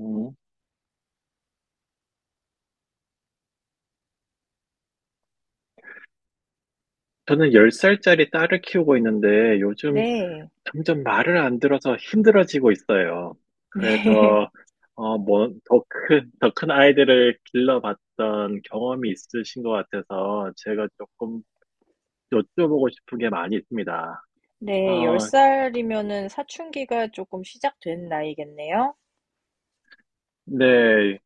음, 저는 10살짜리 딸을 키우고 있는데 요즘 네. 점점 말을 안 들어서 힘들어지고 있어요. 네. 그래서, 더 큰, 더 큰 아이들을 길러봤던 경험이 있으신 것 같아서 제가 조금 여쭤보고 싶은 게 많이 있습니다. 네. 어, 10살이면은 사춘기가 조금 시작된 나이겠네요. 네.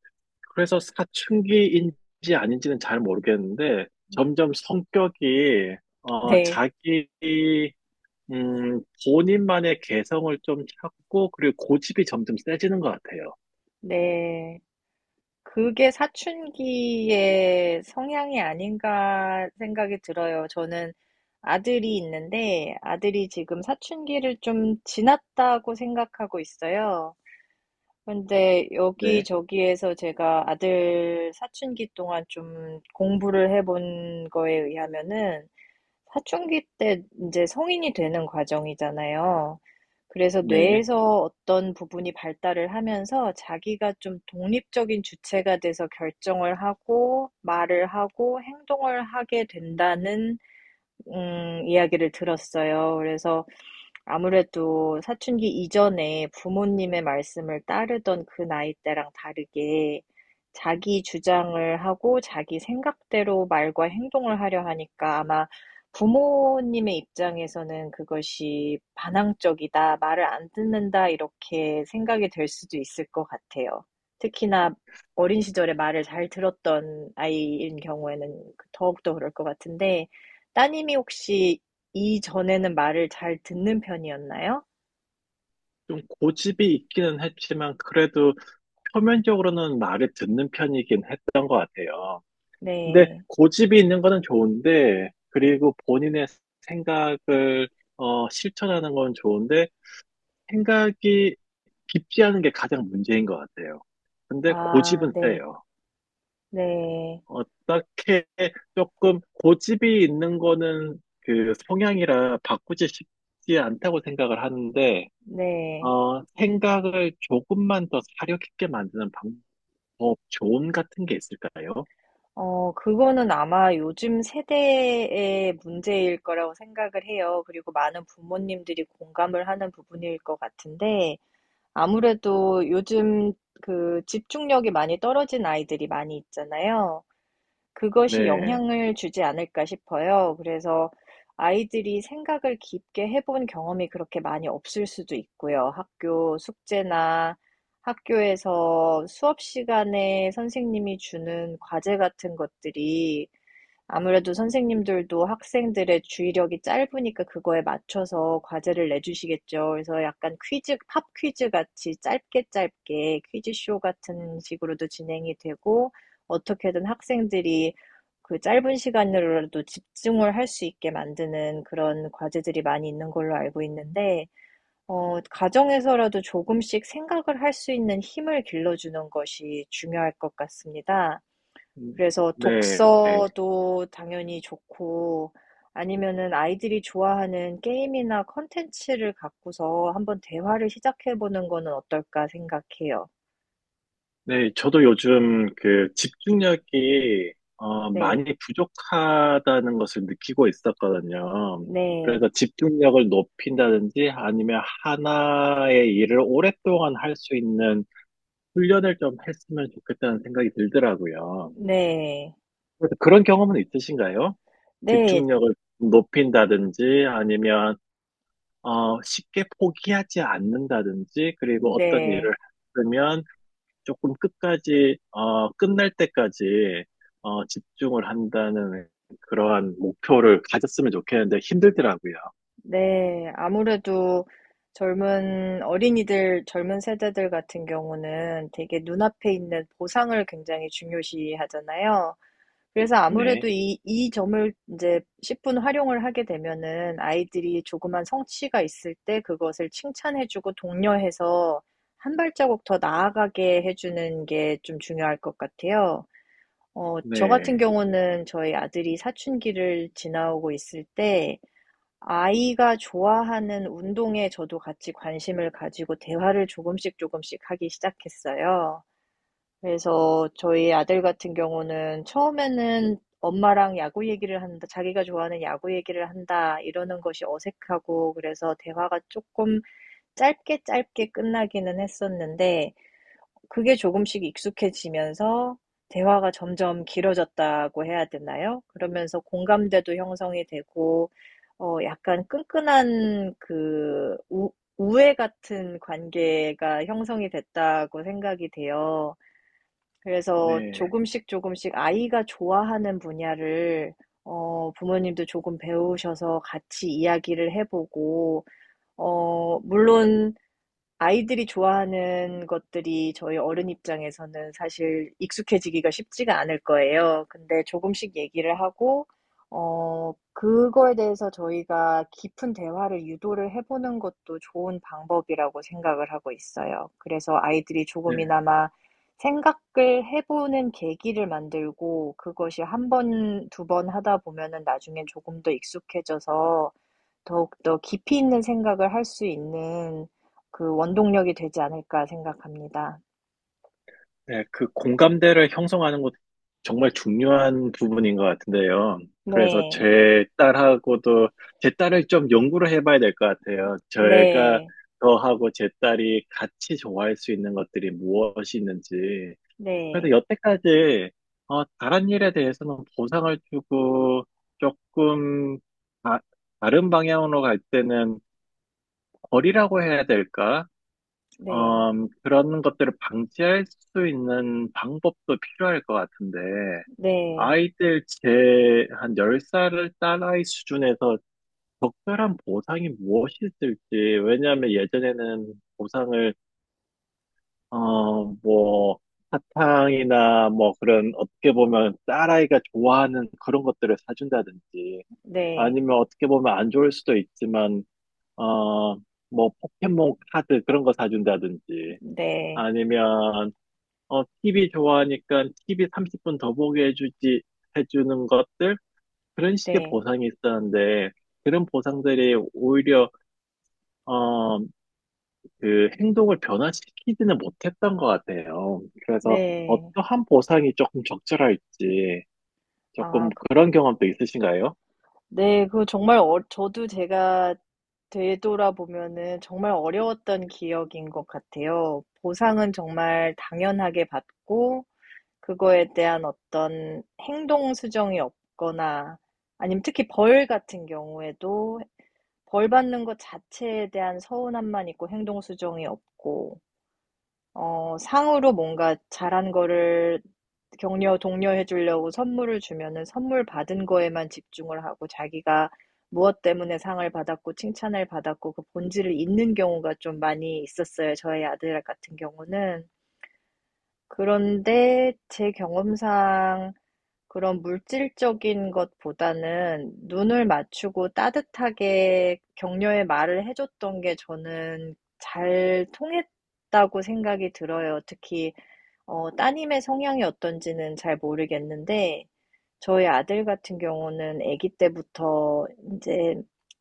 그래서 사춘기인지 아닌지는 잘 모르겠는데 점점 성격이, 네. 자기 본인만의 개성을 좀 찾고, 그리고 고집이 점점 세지는 것 같아요. 네. 그게 사춘기의 성향이 아닌가 생각이 들어요. 저는 아들이 있는데 아들이 지금 사춘기를 좀 지났다고 생각하고 있어요. 근데 네, 여기저기에서 제가 아들 사춘기 동안 좀 공부를 해본 거에 의하면은 사춘기 때 이제 성인이 되는 과정이잖아요. 그래서 네. 뇌에서 어떤 부분이 발달을 하면서 자기가 좀 독립적인 주체가 돼서 결정을 하고 말을 하고 행동을 하게 된다는 이야기를 들었어요. 그래서 아무래도 사춘기 이전에 부모님의 말씀을 따르던 그 나이 때랑 다르게 자기 주장을 하고 자기 생각대로 말과 행동을 하려 하니까 아마 부모님의 입장에서는 그것이 반항적이다, 말을 안 듣는다, 이렇게 생각이 될 수도 있을 것 같아요. 특히나 어린 시절에 말을 잘 들었던 아이인 경우에는 더욱더 그럴 것 같은데, 따님이 혹시 이전에는 말을 잘 듣는 편이었나요? 좀 고집이 있기는 했지만, 그래도 표면적으로는 말을 듣는 편이긴 했던 것 같아요. 근데 네. 고집이 있는 거는 좋은데, 그리고 본인의 생각을, 실천하는 건 좋은데, 생각이 깊지 않은 게 가장 문제인 것 같아요. 근데 아 고집은 네. 세요. 네. 어떻게 조금 고집이 있는 거는 그 성향이라 바꾸지 쉽지 않다고 생각을 하는데, 네. 생각을 조금만 더 사려 깊게 만드는 방법, 조언 같은 게 있을까요? 그거는 아마 요즘 세대의 문제일 거라고 생각을 해요. 그리고 많은 부모님들이 공감을 하는 부분일 것 같은데 아무래도 요즘 그 집중력이 많이 떨어진 아이들이 많이 있잖아요. 그것이 네. 영향을 주지 않을까 싶어요. 그래서 아이들이 생각을 깊게 해본 경험이 그렇게 많이 없을 수도 있고요. 학교 숙제나 학교에서 수업 시간에 선생님이 주는 과제 같은 것들이 아무래도 선생님들도 학생들의 주의력이 짧으니까 그거에 맞춰서 과제를 내주시겠죠. 그래서 약간 퀴즈, 팝 퀴즈 같이 짧게 짧게 퀴즈쇼 같은 식으로도 진행이 되고, 어떻게든 학생들이 그 짧은 시간으로라도 집중을 할 수 있게 만드는 그런 과제들이 많이 있는 걸로 알고 있는데, 가정에서라도 조금씩 생각을 할 수 있는 힘을 길러주는 것이 중요할 것 같습니다. 음, 그래서 네. 독서도 당연히 좋고 아니면은 아이들이 좋아하는 게임이나 컨텐츠를 갖고서 한번 대화를 시작해 보는 거는 어떨까 생각해요. 네. 저도 요즘 그 집중력이 네, 많이 부족하다는 것을 느끼고 있었거든요. 네, 그래서 집중력을 높인다든지 아니면 하나의 일을 오랫동안 할 수 있는 훈련을 좀 했으면 좋겠다는 생각이 들더라고요. 네, 그래서 그런 경험은 있으신가요? 네, 집중력을 높인다든지 아니면 쉽게 포기하지 않는다든지 그리고 어떤 일을 네, 하면 조금 끝까지 끝날 때까지 집중을 한다는 그러한 목표를 가졌으면 좋겠는데 힘들더라고요. 네. 아무래도 젊은 어린이들, 젊은 세대들 같은 경우는 되게 눈앞에 있는 보상을 굉장히 중요시 하잖아요. 그래서 네, 아무래도 이 점을 이제 십분 활용을 하게 되면은 아이들이 조그만 성취가 있을 때 그것을 칭찬해주고 독려해서 한 발자국 더 나아가게 해주는 게 좀 중요할 것 같아요. 저 같은 네, 경우는 저희 아들이 사춘기를 지나오고 있을 때 아이가 좋아하는 운동에 저도 같이 관심을 가지고 대화를 조금씩 조금씩 하기 시작했어요. 그래서 저희 아들 같은 경우는 처음에는 엄마랑 야구 얘기를 한다, 자기가 좋아하는 야구 얘기를 한다, 이러는 것이 어색하고, 그래서 대화가 조금 짧게 짧게 끝나기는 했었는데, 그게 조금씩 익숙해지면서 대화가 점점 길어졌다고 해야 되나요? 그러면서 공감대도 형성이 되고, 약간 끈끈한 그 우애 같은 관계가 형성이 됐다고 생각이 돼요. 그래서 네, 조금씩 조금씩 아이가 좋아하는 분야를 부모님도 조금 배우셔서 같이 이야기를 해보고, 물론 아이들이 좋아하는 것들이 저희 어른 입장에서는 사실 익숙해지기가 쉽지가 않을 거예요. 근데 조금씩 얘기를 하고, 그거에 대해서 저희가 깊은 대화를 유도를 해보는 것도 좋은 방법이라고 생각을 하고 있어요. 그래서 아이들이 네. 조금이나마 생각을 해보는 계기를 만들고 그것이 한 번, 두 번 하다 보면은 나중엔 조금 더 익숙해져서 더욱더 깊이 있는 생각을 할 수 있는 그 원동력이 되지 않을까 생각합니다. 네, 그 공감대를 형성하는 것도 정말 중요한 부분인 것 같은데요. 그래서 네. 제 딸하고도, 제 딸을 좀 연구를 해봐야 될 것 같아요. 제가 네. 저하고 제 딸이 같이 좋아할 수 있는 것들이 무엇이 있는지. 그래서 네. 여태까지, 다른 일에 대해서는 보상을 주고 조금 다, 다른 방향으로 갈 때는 벌이라고 해야 될까? 네. 어, 그런 것들을 방지할 수 있는 방법도 필요할 것 같은데, 네. 아이들 제 한 10살을 딸아이 수준에서 적절한 보상이 무엇이 있을지, 왜냐하면 예전에는 보상을, 어, 뭐, 사탕이나 뭐 그런 어떻게 보면 딸아이가 좋아하는 그런 것들을 사준다든지, 네. 아니면 어떻게 보면 안 좋을 수도 있지만, 어, 뭐 포켓몬 카드 그런 거 사준다든지, 네. 아니면 TV 좋아하니까 TV 30분 더 보게 해주지, 해주는 것들? 그런 식의 네. 보상이 있었는데, 그런 보상들이 오히려, 어, 그 행동을 변화시키지는 못했던 것 같아요. 그래서 네. 어떠한 보상이 조금 적절할지, 조금 아, 그, 그런 경험도 있으신가요? 네. 그 정말 저도 제가 되돌아보면은 정말 어려웠던 기억인 것 같아요. 보상은 정말 당연하게 받고, 그거에 대한 어떤 행동 수정이 없거나 아니면 특히 벌 같은 경우에도 벌 받는 것 자체에 대한 서운함만 있고 행동 수정이 없고 상으로 뭔가 잘한 거를 격려, 독려해 주려고 선물을 주면은 선물 받은 거에만 집중을 하고 자기가 무엇 때문에 상을 받았고 칭찬을 받았고 그 본질을 잊는 경우가 좀 많이 있었어요. 저희 아들 같은 경우는. 그런데 제 경험상 그런 물질적인 것보다는 눈을 맞추고 따뜻하게 격려의 말을 해줬던 게 저는 잘 통했다고 생각이 들어요. 특히 따님의 성향이 어떤지는 잘 모르겠는데, 저희 아들 같은 경우는 아기 때부터 이제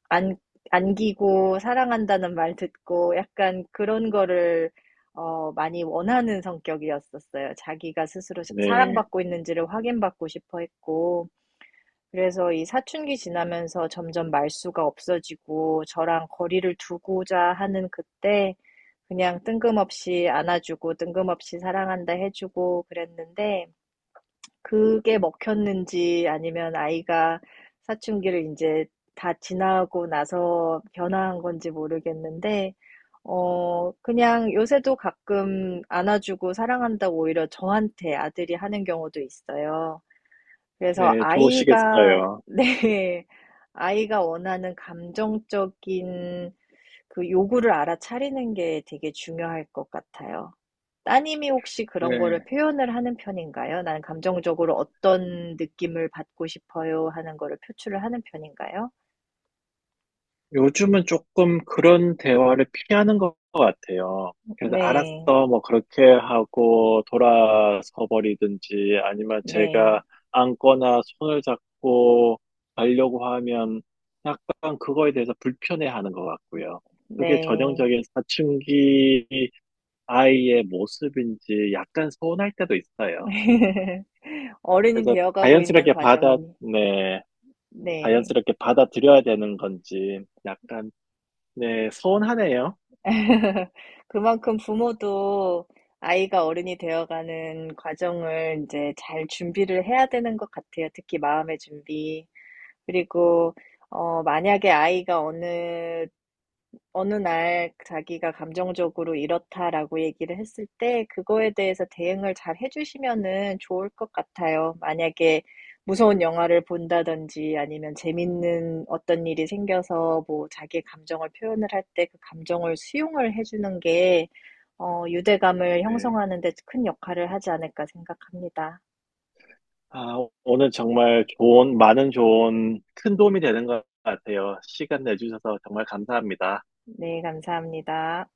안, 안기고 사랑한다는 말 듣고 약간 그런 거를 많이 원하는 성격이었었어요. 자기가 스스로 네, 사랑받고 있는지를 확인받고 싶어 했고, 그래서 이 사춘기 지나면서 점점 말수가 없어지고 저랑 거리를 두고자 하는 그때 그냥 뜬금없이 안아주고 뜬금없이 사랑한다 해주고 그랬는데 그게 먹혔는지 아니면 아이가 사춘기를 이제 다 지나고 나서 변화한 건지 모르겠는데 그냥 요새도 가끔 안아주고 사랑한다고 오히려 저한테 아들이 하는 경우도 있어요. 그래서 네, 아이가, 좋으시겠어요. 네, 아이가 원하는 감정적인 그 요구를 알아차리는 게 되게 중요할 것 같아요. 따님이 혹시 그런 거를 네. 표현을 하는 편인가요? 나는 감정적으로 어떤 느낌을 받고 싶어요 하는 거를 표출을 하는 편인가요? 요즘은 조금 그런 대화를 피하는 것 같아요. 그래서 네, 알았어, 뭐 그렇게 하고 돌아서 버리든지 아니면 제가 네, 안거나 손을 잡고 가려고 하면 약간 그거에 대해서 불편해하는 것 같고요. 그게 네. 전형적인 사춘기 아이의 모습인지 약간 서운할 때도 있어요. 어른이 그래서 되어가고 있는 자연스럽게 받아, 과정이니. 네, 네. 자연스럽게 받아들여야 되는 건지 약간, 네, 서운하네요. 그만큼 부모도 아이가 어른이 되어가는 과정을 이제 잘 준비를 해야 되는 것 같아요. 특히 마음의 준비. 그리고, 만약에 아이가 어느 날 자기가 감정적으로 이렇다라고 얘기를 했을 때 그거에 대해서 대응을 잘 해주시면은 좋을 것 같아요. 만약에 무서운 영화를 본다든지 아니면 재밌는 어떤 일이 생겨서 뭐 자기의 감정을 표현을 할 때 그 감정을 수용을 해주는 게 유대감을 네. 형성하는 데 큰 역할을 하지 않을까 생각합니다. 아, 오늘 정말 좋은, 많은 좋은 큰 도움이 되는 것 같아요. 시간 내주셔서 정말 감사합니다. 네, 감사합니다.